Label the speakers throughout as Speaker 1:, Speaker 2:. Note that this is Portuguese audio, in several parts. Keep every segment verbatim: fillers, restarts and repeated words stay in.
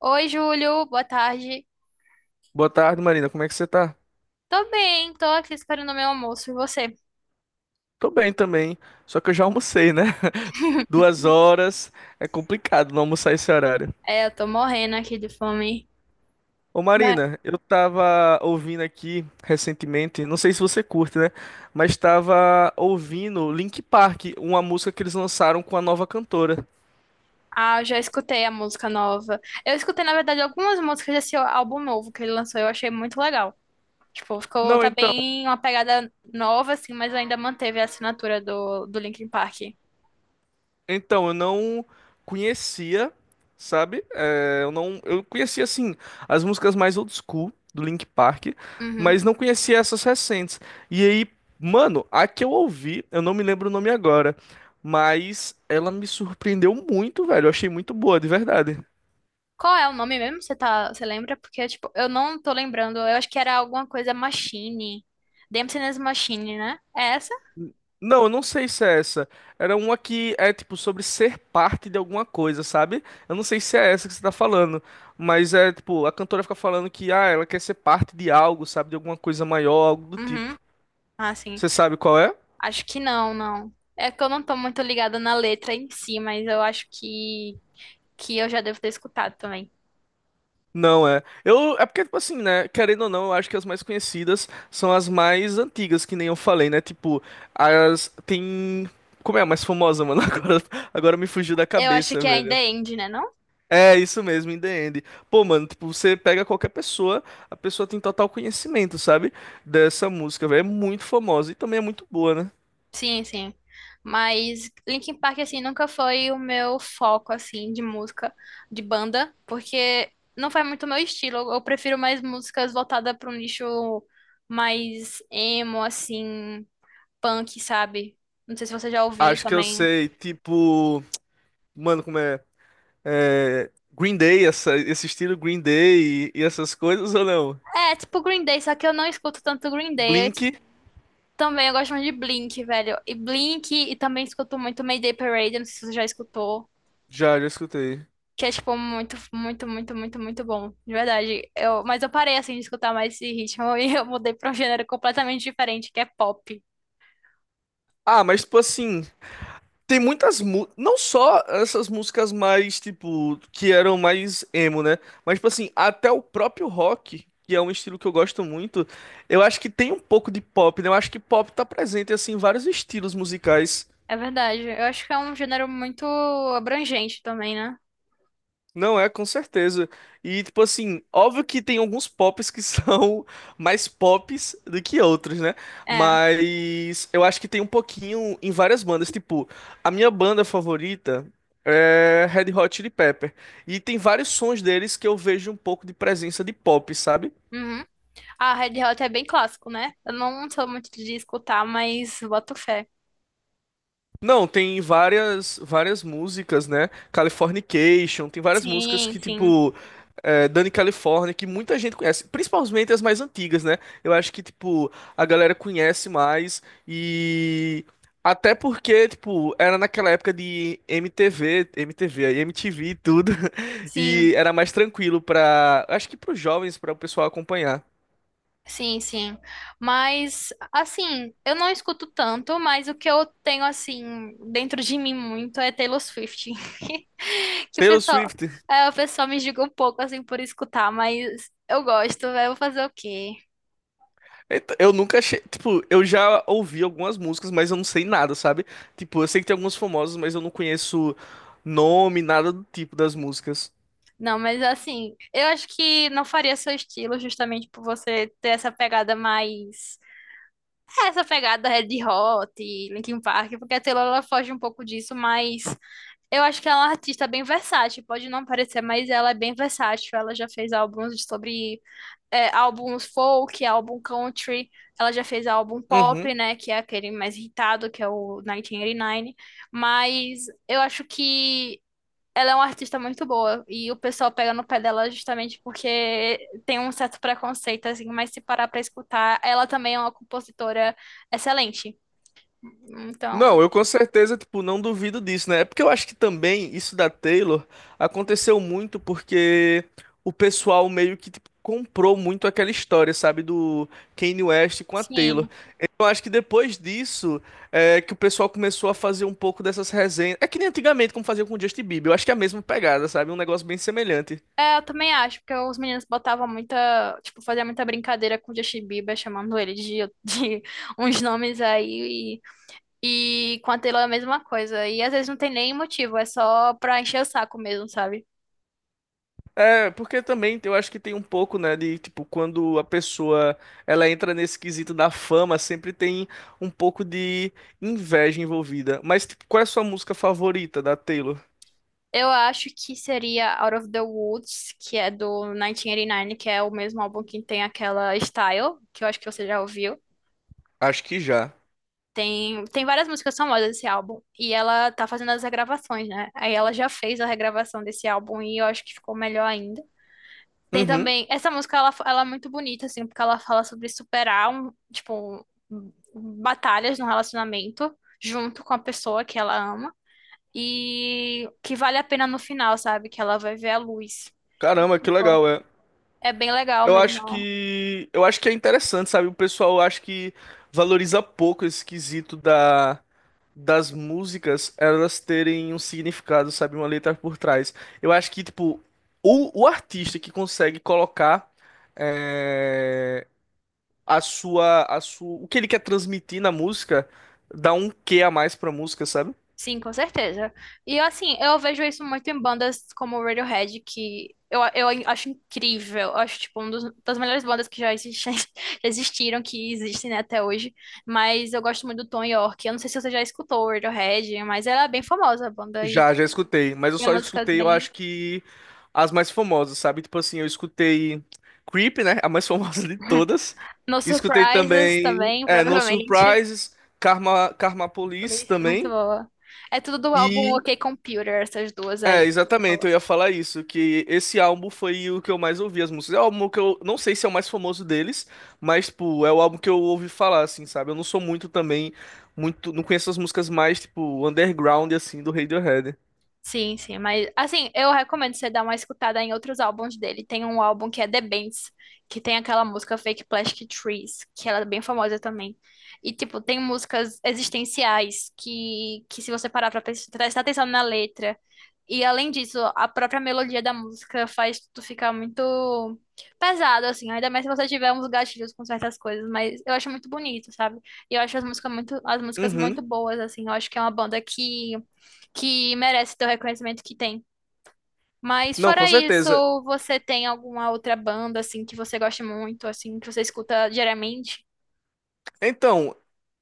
Speaker 1: Oi, Júlio, boa tarde.
Speaker 2: Boa tarde, Marina. Como é que você tá?
Speaker 1: Tô bem, tô aqui esperando o meu almoço e você?
Speaker 2: Tô bem também, só que eu já almocei, né? Duas horas, é complicado não almoçar esse horário.
Speaker 1: É, eu tô morrendo aqui de fome.
Speaker 2: Ô
Speaker 1: Mas-
Speaker 2: Marina, eu tava ouvindo aqui recentemente, não sei se você curte, né? Mas tava ouvindo Link Park, uma música que eles lançaram com a nova cantora.
Speaker 1: Ah, eu já escutei a música nova. Eu escutei, na verdade, algumas músicas desse álbum novo que ele lançou, eu achei muito legal. Tipo, ficou,
Speaker 2: Não,
Speaker 1: tá
Speaker 2: então.
Speaker 1: bem uma pegada nova, assim, mas ainda manteve a assinatura do, do Linkin Park.
Speaker 2: Então, eu não conhecia, sabe? É, eu não, eu conhecia assim as músicas mais old school do Linkin Park,
Speaker 1: Uhum.
Speaker 2: mas não conhecia essas recentes. E aí, mano, a que eu ouvi, eu não me lembro o nome agora, mas ela me surpreendeu muito, velho. Eu achei muito boa, de verdade.
Speaker 1: Qual é o nome mesmo? Você tá, você lembra? Porque, tipo, eu não tô lembrando. Eu acho que era alguma coisa Machine. Dempsey's Machine, né? É essa?
Speaker 2: Não, eu não sei se é essa. Era uma que é tipo sobre ser parte de alguma coisa, sabe? Eu não sei se é essa que você tá falando, mas é tipo, a cantora fica falando que ah, ela quer ser parte de algo, sabe? De alguma coisa maior, algo do
Speaker 1: Uhum.
Speaker 2: tipo.
Speaker 1: Ah, sim.
Speaker 2: Você sabe qual é?
Speaker 1: Acho que não, não. É que eu não tô muito ligada na letra em si, mas eu acho que, que eu já devo ter escutado também.
Speaker 2: Não é. Eu é porque tipo assim, né, querendo ou não, eu acho que as mais conhecidas são as mais antigas, que nem eu falei, né? Tipo, as tem Como é a mais famosa, mano? Agora, agora me fugiu da
Speaker 1: Eu acho
Speaker 2: cabeça,
Speaker 1: que é In
Speaker 2: velho.
Speaker 1: The End, né, não?
Speaker 2: É, isso mesmo, in the end. Pô, mano, tipo, você pega qualquer pessoa, a pessoa tem total conhecimento, sabe? Dessa música, velho. É muito famosa e também é muito boa, né?
Speaker 1: Sim, sim. Mas Linkin Park, assim, nunca foi o meu foco, assim, de música, de banda, porque não foi muito o meu estilo. Eu, eu prefiro mais músicas voltadas para um nicho mais emo, assim, punk, sabe? Não sei se você já ouviu
Speaker 2: Acho que eu
Speaker 1: também.
Speaker 2: sei, tipo, mano, como é? É, Green Day, essa- esse estilo Green Day e, e essas coisas ou não?
Speaker 1: É, tipo Green Day, só que eu não escuto tanto Green Day.
Speaker 2: Blink,
Speaker 1: Também eu gosto muito de Blink, velho. E Blink, e também escuto muito Mayday Parade, não sei se você já escutou.
Speaker 2: já, já escutei.
Speaker 1: Que é, tipo, muito, muito, muito, muito, muito bom. De verdade. Eu, mas eu parei, assim, de escutar mais esse ritmo e eu mudei pra um gênero completamente diferente, que é pop.
Speaker 2: Ah, mas tipo assim. Tem muitas mu não só essas músicas mais tipo que eram mais emo, né? Mas tipo assim, até o próprio rock, que é um estilo que eu gosto muito, eu acho que tem um pouco de pop, né? Eu acho que pop tá presente assim em vários estilos musicais.
Speaker 1: É verdade. Eu acho que é um gênero muito abrangente também, né?
Speaker 2: Não é, com certeza. E, tipo assim, óbvio que tem alguns pops que são mais pops do que outros, né?
Speaker 1: É.
Speaker 2: Mas eu acho que tem um pouquinho em várias bandas. Tipo, a minha banda favorita é Red Hot Chili Pepper. E tem vários sons deles que eu vejo um pouco de presença de pop, sabe?
Speaker 1: Uhum. Ah, Red Hot é bem clássico, né? Eu não sou muito de escutar, mas boto fé.
Speaker 2: Não, tem várias várias músicas, né? Californication, tem várias músicas
Speaker 1: Sim,
Speaker 2: que,
Speaker 1: sim.
Speaker 2: tipo, é, Dani California, que muita gente conhece, principalmente as mais antigas, né? Eu acho que, tipo, a galera conhece mais e. Até porque, tipo, era naquela época de M T V, M T V, aí M T V e tudo,
Speaker 1: Sim.
Speaker 2: e era mais tranquilo pra. Acho que pros jovens, pra o pessoal acompanhar.
Speaker 1: Sim, sim. Mas, assim, eu não escuto tanto, mas o que eu tenho, assim, dentro de mim muito é Taylor Swift. Que o
Speaker 2: Taylor
Speaker 1: pessoal,
Speaker 2: Swift.
Speaker 1: é, o pessoal me julga um pouco, assim, por escutar, mas eu gosto, eu vou fazer o quê?
Speaker 2: Então, eu nunca achei. Tipo, eu já ouvi algumas músicas, mas eu não sei nada, sabe? Tipo, eu sei que tem alguns famosos, mas eu não conheço nome, nada do tipo das músicas.
Speaker 1: Não, mas, assim, eu acho que não faria seu estilo justamente por você ter essa pegada mais... é, Essa pegada Red Hot, Linkin Park, porque a Taylor, ela foge um pouco disso, mas... Eu acho que ela é uma artista bem versátil, pode não parecer, mas ela é bem versátil. Ela já fez álbuns sobre é, Álbuns folk, álbum country, ela já fez álbum
Speaker 2: Uhum.
Speaker 1: pop, né, que é aquele mais irritado, que é o mil novecentos e oitenta e nove. Mas eu acho que ela é uma artista muito boa e o pessoal pega no pé dela justamente porque tem um certo preconceito, assim, mas se parar pra escutar, ela também é uma compositora excelente. Então,
Speaker 2: Não, eu com certeza, tipo, não duvido disso, né? É porque eu acho que também isso da Taylor aconteceu muito porque o pessoal meio que tipo, comprou muito aquela história, sabe, do Kanye West com a Taylor.
Speaker 1: sim.
Speaker 2: Então, eu acho que depois disso é que o pessoal começou a fazer um pouco dessas resenhas. É que nem antigamente como fazia com o Justin Bieber, eu acho que é a mesma pegada, sabe? Um negócio bem semelhante.
Speaker 1: É, eu também acho, porque os meninos botavam muita, tipo, fazia muita brincadeira com o Justin Bieber, chamando ele de, de uns nomes aí, e, e com a Taylor é a mesma coisa. E às vezes não tem nem motivo, é só pra encher o saco mesmo, sabe?
Speaker 2: É, porque também eu acho que tem um pouco, né, de tipo, quando a pessoa ela entra nesse quesito da fama, sempre tem um pouco de inveja envolvida. Mas, tipo, qual é a sua música favorita da Taylor?
Speaker 1: Eu acho que seria Out of the Woods, que é do mil novecentos e oitenta e nove, que é o mesmo álbum que tem aquela Style, que eu acho que você já ouviu.
Speaker 2: Acho que já.
Speaker 1: Tem, tem várias músicas famosas desse álbum. E ela tá fazendo as regravações, né? Aí ela já fez a regravação desse álbum e eu acho que ficou melhor ainda. Tem
Speaker 2: Uhum.
Speaker 1: também. Essa música, ela, ela é muito bonita, assim, porque ela fala sobre superar, um, tipo, um, batalhas no relacionamento junto com a pessoa que ela ama. E que vale a pena no final, sabe? Que ela vai ver a luz. E,
Speaker 2: Caramba, que
Speaker 1: tipo,
Speaker 2: legal, é.
Speaker 1: é bem legal
Speaker 2: Eu acho
Speaker 1: mesmo.
Speaker 2: que eu acho que é interessante, sabe? O pessoal acho que valoriza pouco esse quesito da das músicas, elas terem um significado, sabe, uma letra por trás. Eu acho que tipo o, o artista que consegue colocar é, a sua a sua o que ele quer transmitir na música dá um quê a mais pra música, sabe?
Speaker 1: Sim, com certeza. E assim, eu vejo isso muito em bandas como o Radiohead, que eu, eu acho incrível. Eu acho, tipo, uma das melhores bandas que já existem, já existiram, que existem, né, até hoje. Mas eu gosto muito do Tom York. Eu não sei se você já escutou o Radiohead, mas ela é bem famosa, a banda. E
Speaker 2: Já, já escutei, mas eu
Speaker 1: tem
Speaker 2: só
Speaker 1: músicas
Speaker 2: escutei, eu
Speaker 1: bem...
Speaker 2: acho que as mais famosas, sabe? Tipo assim, eu escutei Creep, né? A mais famosa de todas.
Speaker 1: No
Speaker 2: Escutei
Speaker 1: Surprises
Speaker 2: também
Speaker 1: também,
Speaker 2: é, No
Speaker 1: provavelmente.
Speaker 2: Surprises, Karma, Karma
Speaker 1: Por
Speaker 2: Police
Speaker 1: isso, muito
Speaker 2: também.
Speaker 1: boa. É tudo do álbum
Speaker 2: E
Speaker 1: OK Computer, essas duas
Speaker 2: é,
Speaker 1: aí que você
Speaker 2: exatamente,
Speaker 1: falou.
Speaker 2: eu ia falar isso, que esse álbum foi o que eu mais ouvi as músicas. É o álbum que eu não sei se é o mais famoso deles, mas tipo, é o álbum que eu ouvi falar assim, sabe? Eu não sou muito também, muito, não conheço as músicas mais tipo underground assim do Radiohead.
Speaker 1: Sim, sim, mas assim, eu recomendo você dar uma escutada em outros álbuns dele. Tem um álbum que é The Bends, que tem aquela música Fake Plastic Trees, que ela é bem famosa também. E tipo, tem músicas existenciais que, que se você parar pra pres- prestar atenção na letra, e além disso, a própria melodia da música faz tu ficar muito pesado, assim, ainda mais se você tiver uns gatilhos com certas coisas, mas eu acho muito bonito, sabe? E eu acho as músicas muito, as músicas
Speaker 2: Uhum.
Speaker 1: muito boas, assim, eu acho que é uma banda que que merece ter o reconhecimento que tem. Mas
Speaker 2: Não, com
Speaker 1: fora isso,
Speaker 2: certeza.
Speaker 1: você tem alguma outra banda, assim, que você gosta muito, assim, que você escuta diariamente?
Speaker 2: Então,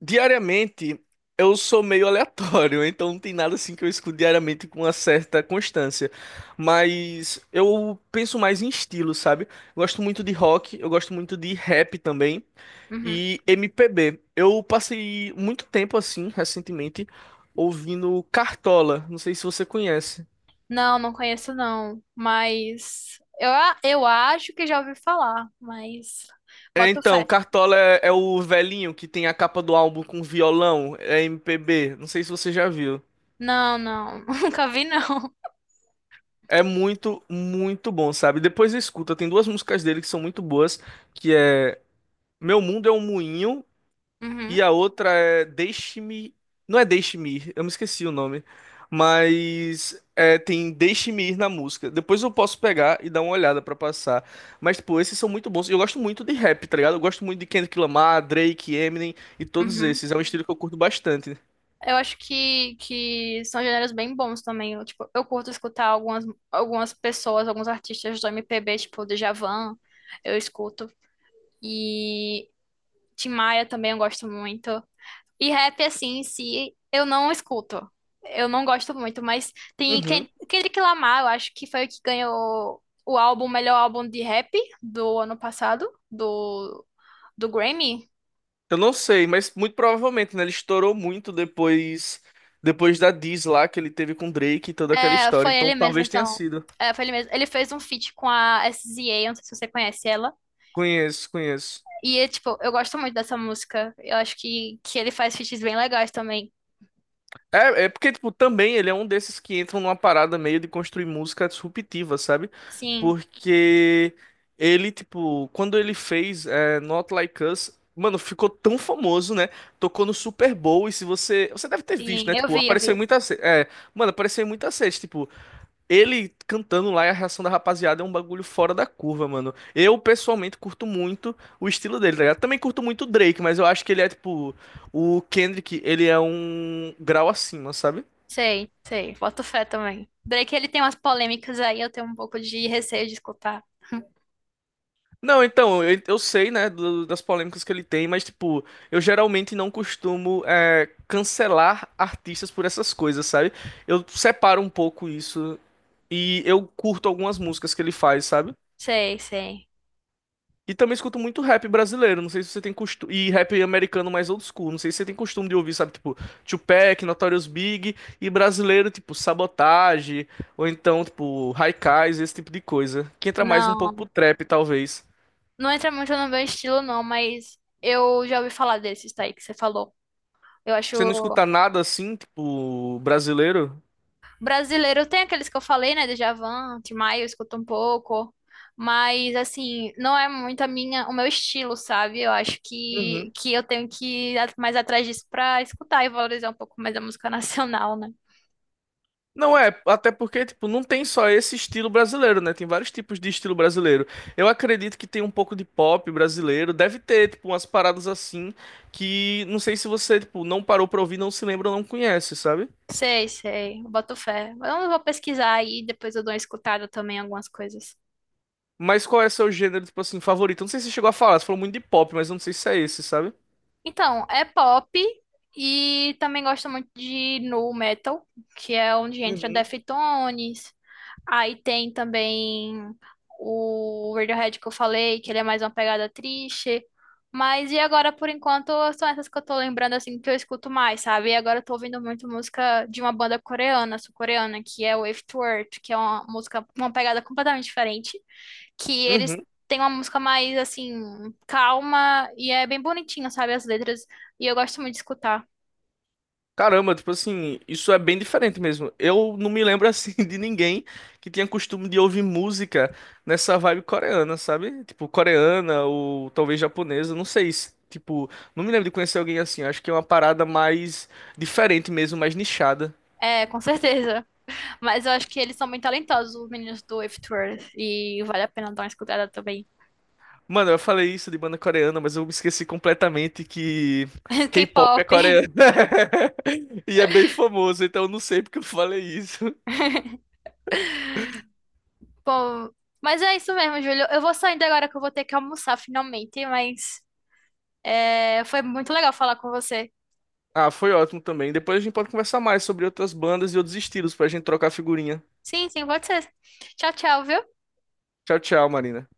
Speaker 2: diariamente eu sou meio aleatório, então não tem nada assim que eu escuto diariamente com uma certa constância. Mas eu penso mais em estilo, sabe? Gosto muito de rock, eu gosto muito de rap também
Speaker 1: Uhum.
Speaker 2: e M P B. Eu passei muito tempo assim, recentemente, ouvindo Cartola, não sei se você conhece.
Speaker 1: Não, não conheço não, mas eu, a- eu acho que já ouvi falar, mas
Speaker 2: É,
Speaker 1: boto
Speaker 2: então,
Speaker 1: fé.
Speaker 2: Cartola é, é o velhinho que tem a capa do álbum com violão, é M P B, não sei se você já viu.
Speaker 1: Não, não, nunca vi não.
Speaker 2: É muito, muito bom, sabe? Depois escuta, tem duas músicas dele que são muito boas, que é Meu Mundo é um Moinho e
Speaker 1: Uhum,
Speaker 2: a outra é Deixe-me, não é Deixe-me Ir, eu me esqueci o nome, mas é, tem Deixe-me Ir na música. Depois eu posso pegar e dar uma olhada pra passar. Mas pô, esses são muito bons. Eu gosto muito de rap, tá ligado? Eu gosto muito de Kendrick Lamar, Drake, Eminem e todos
Speaker 1: uhum.
Speaker 2: esses. É um estilo que eu curto bastante.
Speaker 1: Eu acho que, que são gêneros bem bons também. Eu, tipo, eu curto escutar algumas, algumas pessoas, alguns artistas do M P B, tipo o Djavan, eu escuto. E Tim Maia também eu gosto muito. E rap, assim, em si, eu não escuto. Eu não gosto muito, mas tem
Speaker 2: Uhum.
Speaker 1: Ken- Kendrick Lamar, eu acho que foi o que ganhou o álbum, o melhor álbum de rap do ano passado, do, do Grammy.
Speaker 2: Eu não sei, mas muito provavelmente, né? Ele estourou muito depois depois da Diz lá que ele teve com Drake e toda aquela
Speaker 1: É,
Speaker 2: história.
Speaker 1: foi
Speaker 2: Então
Speaker 1: ele mesmo,
Speaker 2: talvez tenha
Speaker 1: então.
Speaker 2: sido.
Speaker 1: É, foi ele mesmo. Ele fez um feat com a S Z A, não sei se você conhece ela.
Speaker 2: Conheço, conheço.
Speaker 1: E, é, tipo, eu gosto muito dessa música. Eu acho que, que ele faz feats bem legais também.
Speaker 2: É, é porque, tipo, também ele é um desses que entram numa parada meio de construir música disruptiva, sabe?
Speaker 1: Sim,
Speaker 2: Porque ele, tipo, quando ele fez é, Not Like Us, mano, ficou tão famoso, né? Tocou no Super Bowl e se você. Você deve ter visto,
Speaker 1: sim,
Speaker 2: né?
Speaker 1: eu
Speaker 2: Tipo,
Speaker 1: vi, eu
Speaker 2: apareceu em
Speaker 1: vi.
Speaker 2: muitas. É, mano, apareceu em muitas séries, tipo. Ele cantando lá e a reação da rapaziada é um bagulho fora da curva, mano. Eu, pessoalmente, curto muito o estilo dele, tá ligado? Também curto muito o Drake, mas eu acho que ele é, tipo, o Kendrick, ele é um grau acima, sabe?
Speaker 1: Sei, sei, boto fé também. Drake, ele tem umas polêmicas aí, eu tenho um pouco de receio de escutar.
Speaker 2: Não, então, eu, eu sei, né, do- das polêmicas que ele tem, mas, tipo, eu geralmente não costumo é, cancelar artistas por essas coisas, sabe? Eu separo um pouco isso e eu curto algumas músicas que ele faz, sabe?
Speaker 1: Sei, sei.
Speaker 2: E também escuto muito rap brasileiro, não sei se você tem costume. E rap americano mais old school, não sei se você tem costume de ouvir, sabe? Tipo, Tupac, Notorious Big e brasileiro, tipo, Sabotage, ou então, tipo, Haikais, esse tipo de coisa. Que entra mais um pouco
Speaker 1: Não,
Speaker 2: pro trap, talvez.
Speaker 1: não entra muito no meu estilo, não, mas eu já ouvi falar desses daí que você falou. Eu acho
Speaker 2: Você não escuta nada assim, tipo, brasileiro?
Speaker 1: Brasileiro, tem aqueles que eu falei, né? Djavan, Tim Maia, eu escuto um pouco, mas assim, não é muito a minha, o meu estilo, sabe? Eu acho que,
Speaker 2: Uhum.
Speaker 1: que eu tenho que ir a- mais atrás disso pra escutar e valorizar um pouco mais a música nacional, né?
Speaker 2: Não é, até porque, tipo, não tem só esse estilo brasileiro, né? Tem vários tipos de estilo brasileiro. Eu acredito que tem um pouco de pop brasileiro, deve ter, tipo, umas paradas assim que não sei se você, tipo, não parou pra ouvir, não se lembra ou não conhece, sabe?
Speaker 1: Sei, sei, eu boto fé. Eu vou pesquisar aí, depois eu dou uma escutada também em algumas coisas.
Speaker 2: Mas qual é seu gênero, tipo assim, favorito? Eu não sei se você chegou a falar, você falou muito de pop, mas eu não sei se é esse, sabe?
Speaker 1: Então, é pop e também gosto muito de nu metal, que é onde entra
Speaker 2: Uhum.
Speaker 1: Deftones. Aí tem também o Radiohead que eu falei, que ele é mais uma pegada triste. Mas e agora, por enquanto, são essas que eu tô lembrando, assim, que eu escuto mais, sabe? E agora eu tô ouvindo muito música de uma banda coreana, sul-coreana, que é o Afterword, que é uma música, uma pegada completamente diferente, que eles
Speaker 2: Uhum.
Speaker 1: têm uma música mais, assim, calma e é bem bonitinha, sabe? As letras, e eu gosto muito de escutar.
Speaker 2: Caramba, tipo assim, isso é bem diferente mesmo. Eu não me lembro assim de ninguém que tinha costume de ouvir música nessa vibe coreana, sabe? Tipo, coreana ou talvez japonesa, não sei. Se- Tipo, não me lembro de conhecer alguém assim. Acho que é uma parada mais diferente mesmo, mais nichada.
Speaker 1: É, com certeza. Mas eu acho que eles são muito talentosos, os meninos do if dois. E vale a pena dar uma escutada também.
Speaker 2: Mano, eu falei isso de banda coreana, mas eu me esqueci completamente que K-pop é
Speaker 1: K-pop.
Speaker 2: coreano. E é bem famoso, então eu não sei porque eu falei isso.
Speaker 1: Bom, mas é isso mesmo, Júlio. Eu vou saindo agora que eu vou ter que almoçar finalmente, mas é, foi muito legal falar com você.
Speaker 2: Ah, foi ótimo também. Depois a gente pode conversar mais sobre outras bandas e outros estilos pra gente trocar figurinha.
Speaker 1: Sim, sim, pode ser. Tchau, tchau, viu?
Speaker 2: Tchau, tchau, Marina.